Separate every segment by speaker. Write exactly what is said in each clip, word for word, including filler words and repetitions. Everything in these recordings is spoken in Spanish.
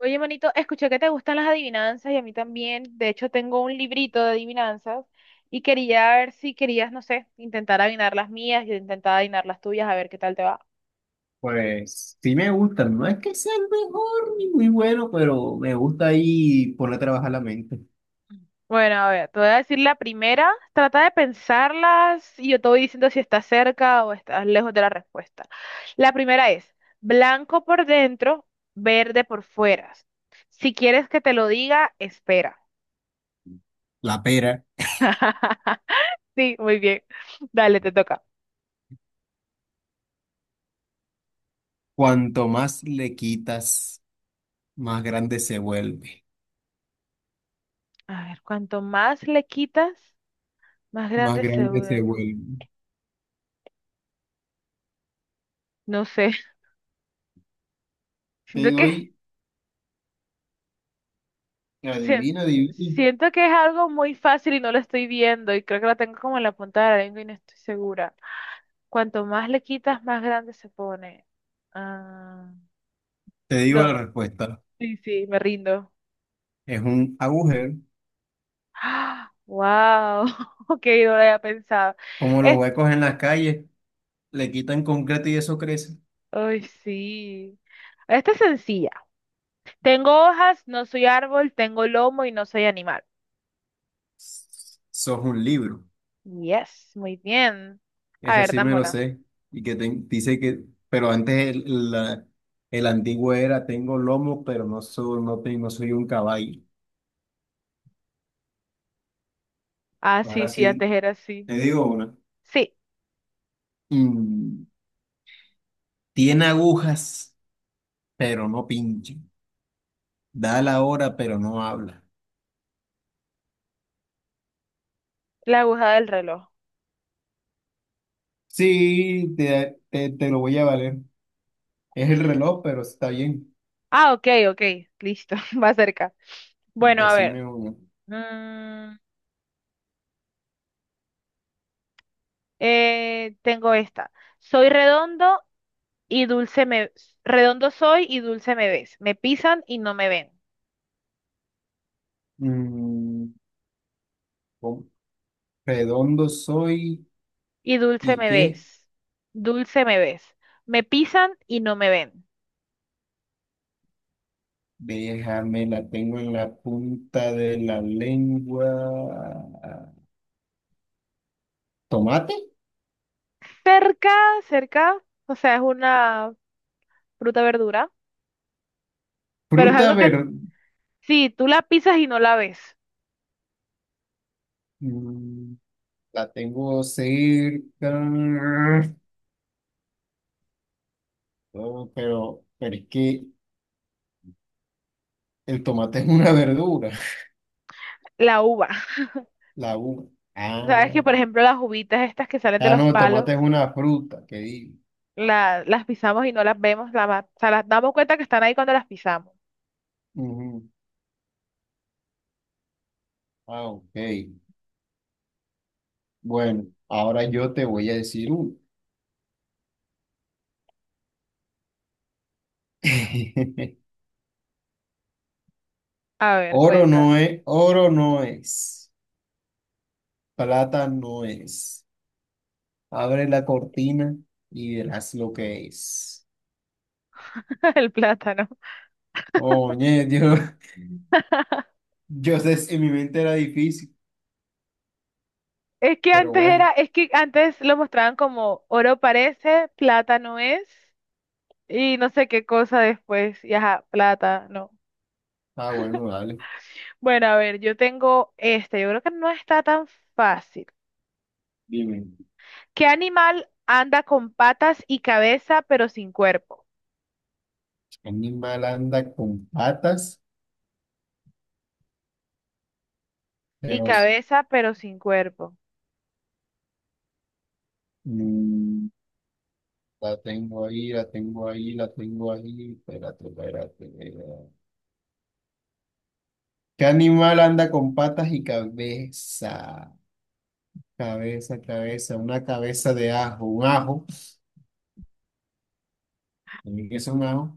Speaker 1: Oye, manito, escuché que te gustan las adivinanzas y a mí también. De hecho, tengo un librito de adivinanzas y quería ver si querías, no sé, intentar adivinar las mías y intentar adivinar las tuyas, a ver qué tal te va.
Speaker 2: Pues sí me gusta, no es que sea el mejor ni muy bueno, pero me gusta ahí poner a trabajar la mente.
Speaker 1: Bueno, a ver, te voy a decir la primera. Trata de pensarlas y yo te voy diciendo si estás cerca o estás lejos de la respuesta. La primera es blanco por dentro, verde por fuera. Si quieres que te lo diga, espera.
Speaker 2: La pera,
Speaker 1: Sí, muy bien. Dale, te toca.
Speaker 2: cuanto más le quitas, más grande se vuelve,
Speaker 1: A ver, cuanto más le quitas, más
Speaker 2: más
Speaker 1: grande se
Speaker 2: grande se
Speaker 1: vuelve.
Speaker 2: vuelve.
Speaker 1: No sé,
Speaker 2: Te
Speaker 1: siento que,
Speaker 2: doy,
Speaker 1: sien-
Speaker 2: adivina, adivina.
Speaker 1: siento que es algo muy fácil y no lo estoy viendo y creo que lo tengo como en la punta de la lengua y no estoy segura. Cuanto más le quitas, más grande se pone. Ah,
Speaker 2: Te digo la
Speaker 1: no,
Speaker 2: respuesta.
Speaker 1: sí, sí, me rindo.
Speaker 2: Es un agujero,
Speaker 1: ¡Ah! ¡Wow! Ok, no lo había pensado.
Speaker 2: como los
Speaker 1: Es-
Speaker 2: huecos en las calles, le quitan concreto y eso crece.
Speaker 1: Ay, sí. Esta es sencilla. Tengo hojas, no soy árbol, tengo lomo y no soy animal.
Speaker 2: Sos un libro.
Speaker 1: Yes, muy bien. A
Speaker 2: Ese
Speaker 1: ver,
Speaker 2: sí me
Speaker 1: dame
Speaker 2: lo
Speaker 1: una.
Speaker 2: sé. Y que te- dice que, pero antes el, la- el antiguo era, tengo lomo, pero no soy, no, te- no soy un caballo.
Speaker 1: Ah, sí,
Speaker 2: Ahora
Speaker 1: sí, antes
Speaker 2: sí,
Speaker 1: era así.
Speaker 2: te digo una.
Speaker 1: Sí,
Speaker 2: Mm, tiene agujas, pero no pincha. Da la hora, pero no habla.
Speaker 1: la aguja del reloj.
Speaker 2: Sí, te, te, te lo voy a valer. Es el reloj, pero está bien.
Speaker 1: Ah, ok, ok, listo, va cerca. Bueno, a ver.
Speaker 2: Decime uno.
Speaker 1: mm, eh, Tengo esta. Soy redondo y dulce me... Redondo soy y dulce me ves. Me pisan y no me ven.
Speaker 2: Mm, ¿cómo? Redondo soy
Speaker 1: Y dulce
Speaker 2: y
Speaker 1: me
Speaker 2: qué.
Speaker 1: ves. Dulce me ves. Me pisan y no me ven.
Speaker 2: Déjame, la tengo en la punta de la lengua. ¿Tomate?
Speaker 1: Cerca, cerca. O sea, es una fruta verdura, pero es
Speaker 2: Fruta
Speaker 1: algo que
Speaker 2: verde.
Speaker 1: sí, tú la pisas y no la ves,
Speaker 2: La tengo cerca. Oh, pero, pero es que el tomate es una verdura.
Speaker 1: la uva.
Speaker 2: La uva.
Speaker 1: Sabes que,
Speaker 2: Ah,
Speaker 1: por ejemplo, las uvitas estas que salen de
Speaker 2: ah,
Speaker 1: los
Speaker 2: no, el
Speaker 1: palos,
Speaker 2: tomate es una fruta, que digo.
Speaker 1: la- las pisamos y no las vemos, la ma- o sea, las damos cuenta que están ahí cuando las pisamos.
Speaker 2: Ujú. Ah, ok. Bueno, ahora yo te voy a decir uno.
Speaker 1: A ver,
Speaker 2: Oro no
Speaker 1: cuenta,
Speaker 2: es, oro no es, plata no es. Abre la cortina y verás lo que es.
Speaker 1: el plátano.
Speaker 2: Oye, yo, yo sé, si en mi mente era difícil,
Speaker 1: Es que
Speaker 2: pero
Speaker 1: antes era,
Speaker 2: bueno,
Speaker 1: es que antes lo mostraban como oro parece, plátano es, y no sé qué cosa después, y ajá, plátano.
Speaker 2: ah, bueno, dale.
Speaker 1: Bueno, a ver, yo tengo este, yo creo que no está tan fácil.
Speaker 2: Dime,
Speaker 1: ¿Qué animal anda con patas y cabeza pero sin cuerpo?
Speaker 2: ¿qué animal anda con patas,
Speaker 1: Y
Speaker 2: pero
Speaker 1: cabeza pero sin cuerpo.
Speaker 2: mm, la tengo ahí, la tengo ahí, la tengo ahí. Espérate, espérate. Espérate. ¿Qué animal anda con patas y cabeza? Cabeza, cabeza, una cabeza de ajo, un ajo. ¿Qué es un ajo?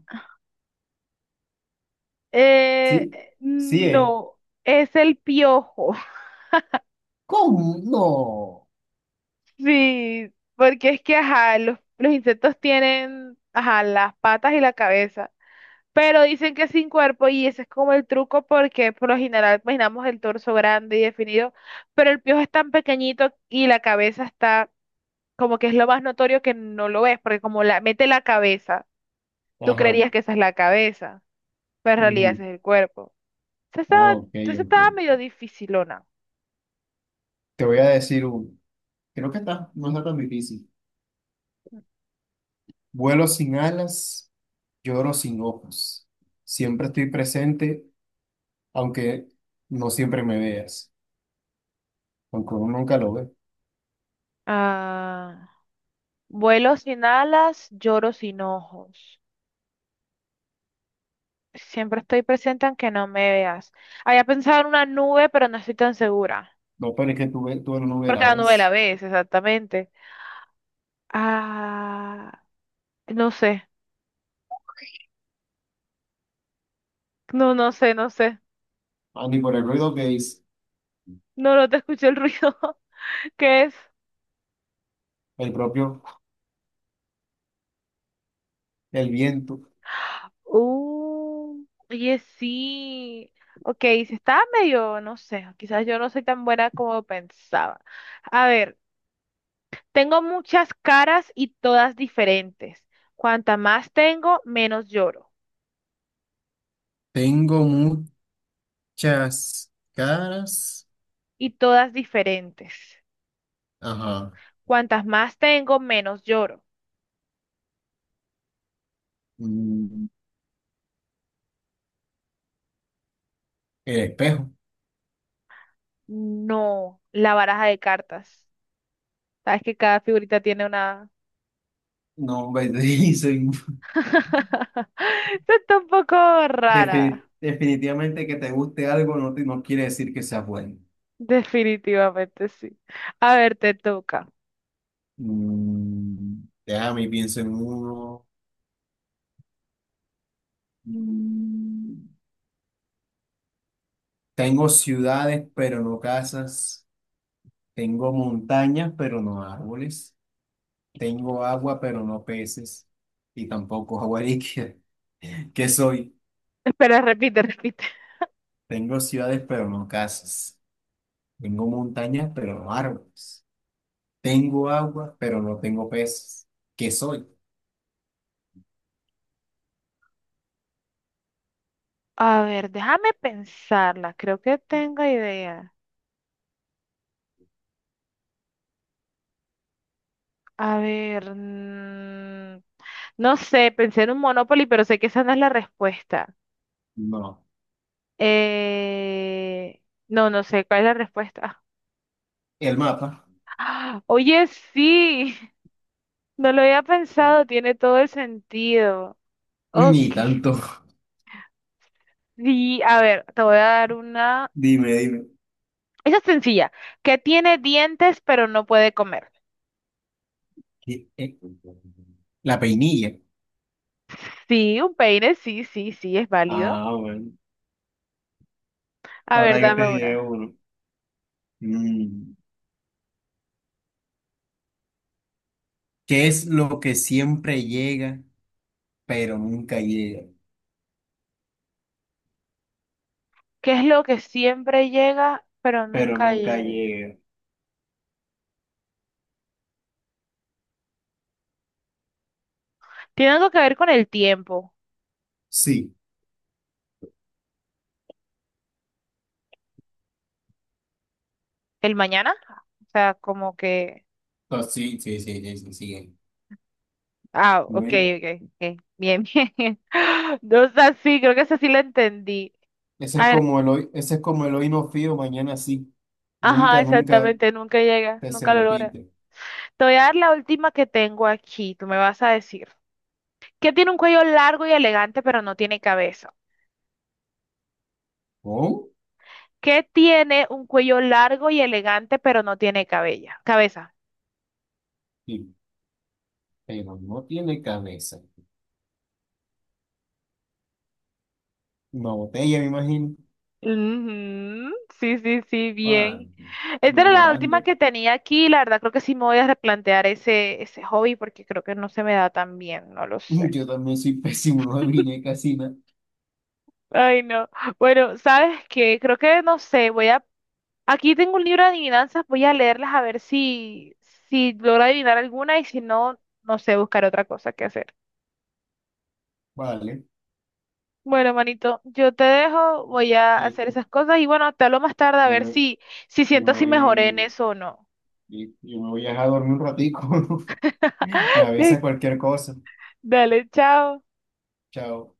Speaker 1: Eh,
Speaker 2: Sí,
Speaker 1: eh,
Speaker 2: sí, es.
Speaker 1: no, es el piojo.
Speaker 2: ¿Cómo? No.
Speaker 1: Sí, porque es que, ajá, los, los insectos tienen, ajá, las patas y la cabeza, pero dicen que sin cuerpo y ese es como el truco porque por lo general imaginamos el torso grande y definido, pero el piojo es tan pequeñito y la cabeza está como que es lo más notorio que no lo ves, porque como la mete la cabeza, tú
Speaker 2: Ajá.
Speaker 1: creerías que esa es la cabeza, pero en realidad
Speaker 2: Ujú.
Speaker 1: ese es el cuerpo. Esa
Speaker 2: Ah,
Speaker 1: estaba,
Speaker 2: ok,
Speaker 1: esa
Speaker 2: ok.
Speaker 1: estaba medio dificilona.
Speaker 2: Te voy a decir uno. Creo que está, no está tan difícil. Vuelo sin alas, lloro sin ojos. Siempre estoy presente, aunque no siempre me veas. Aunque uno nunca lo ve.
Speaker 1: Ah, vuelo sin alas, lloro sin ojos. Siempre estoy presente aunque no me veas. Había pensado en una nube, pero no estoy tan segura.
Speaker 2: No, pero es que tú, ve- tú no me
Speaker 1: Porque
Speaker 2: la
Speaker 1: la nube la
Speaker 2: ves.
Speaker 1: ves, exactamente. Ah, no sé. No, no sé, no sé.
Speaker 2: Ah, ni por el ruido que es
Speaker 1: No, no te escuché el ruido. ¿Qué es?
Speaker 2: el propio, el viento.
Speaker 1: Uh, oye, sí. Ok, si estaba medio, no sé, quizás yo no soy tan buena como pensaba. A ver, tengo muchas caras y todas diferentes. Cuanta más tengo, menos lloro.
Speaker 2: Tengo muchas caras.
Speaker 1: Y todas diferentes.
Speaker 2: Ajá.
Speaker 1: Cuantas más tengo, menos lloro.
Speaker 2: Mm, el espejo.
Speaker 1: No, la baraja de cartas. Sabes que cada figurita tiene una...
Speaker 2: No, me dice.
Speaker 1: Esto está un poco
Speaker 2: Defi
Speaker 1: rara.
Speaker 2: definitivamente que te guste algo no, te- no quiere decir que sea bueno.
Speaker 1: Definitivamente sí. A ver, te toca.
Speaker 2: Mm, déjame y pienso en uno. Mm, tengo ciudades, pero no casas. Tengo montañas, pero no árboles. Tengo agua, pero no peces. Y tampoco agua líquida. ¿Qué soy?
Speaker 1: Espera, repite, repite.
Speaker 2: Tengo ciudades, pero no casas. Tengo montañas, pero no árboles. Tengo agua, pero no tengo peces. ¿Qué soy?
Speaker 1: A ver, déjame pensarla. Creo que tengo idea. A ver, mm, no sé, pensé en un Monopoly, pero sé que esa no es la respuesta.
Speaker 2: No.
Speaker 1: Eh, no, no sé cuál es la respuesta.
Speaker 2: El mapa.
Speaker 1: ¡Ah! Oye, sí, no lo había pensado, tiene todo el sentido. Ok.
Speaker 2: Ni tanto.
Speaker 1: Y a ver, te voy a dar una.
Speaker 2: Dime, dime.
Speaker 1: Esa es sencilla. ¿Que tiene dientes pero no puede comer?
Speaker 2: ¿Qué es? La peinilla.
Speaker 1: Sí, un peine, sí, sí, sí, es válido.
Speaker 2: Ah, bueno.
Speaker 1: A ver,
Speaker 2: Ahora yo te
Speaker 1: dame una.
Speaker 2: diré uno. Mm. ¿Qué es lo que siempre llega, pero nunca llega?
Speaker 1: ¿Qué es lo que siempre llega pero
Speaker 2: Pero
Speaker 1: nunca
Speaker 2: nunca
Speaker 1: llega?
Speaker 2: llega.
Speaker 1: Tiene algo que ver con el tiempo.
Speaker 2: Sí.
Speaker 1: ¿El mañana? O sea, como que.
Speaker 2: Ah, sí, sí, sí, sí, sí, sí.
Speaker 1: Ah,
Speaker 2: No
Speaker 1: ok,
Speaker 2: hay-
Speaker 1: ok, ok. Bien, bien. No sé, sí, creo que esa sí la entendí.
Speaker 2: Ese es
Speaker 1: A ver,
Speaker 2: como el hoy, ese es como el hoy no fío, mañana sí.
Speaker 1: ajá,
Speaker 2: Nunca, nunca
Speaker 1: exactamente, nunca llega,
Speaker 2: te se
Speaker 1: nunca lo logra.
Speaker 2: repite.
Speaker 1: Te voy a dar la última que tengo aquí, tú me vas a decir. ¿Qué tiene un cuello largo y elegante pero no tiene cabeza?
Speaker 2: ¿Oh?
Speaker 1: ¿Qué tiene un cuello largo y elegante pero no tiene cabella? Cabeza.
Speaker 2: Sí, pero no tiene cabeza. Una botella, me imagino.
Speaker 1: Ujú, sí, sí, sí,
Speaker 2: Ah,
Speaker 1: bien. Esta era la última
Speaker 2: mejorando.
Speaker 1: que tenía aquí, la verdad creo que sí me voy a replantear ese, ese hobby porque creo que no se me da tan bien, no lo sé.
Speaker 2: Yo también soy pésimo, no adiviné casi nada.
Speaker 1: Ay, no. Bueno, ¿sabes qué? Creo que no sé, voy a... Aquí tengo un libro de adivinanzas, voy a leerlas a ver si, si logro adivinar alguna y si no, no sé, buscar otra cosa que hacer.
Speaker 2: Vale,
Speaker 1: Bueno, manito, yo te dejo, voy a hacer
Speaker 2: listo.
Speaker 1: esas cosas y bueno, te hablo más tarde a
Speaker 2: Yo
Speaker 1: ver
Speaker 2: me,
Speaker 1: si, si
Speaker 2: yo
Speaker 1: siento
Speaker 2: me
Speaker 1: si mejoré en
Speaker 2: voy,
Speaker 1: eso o no.
Speaker 2: listo, yo me voy a dejar dormir un ratico. Me avisa cualquier cosa.
Speaker 1: Dale, chao.
Speaker 2: Chao.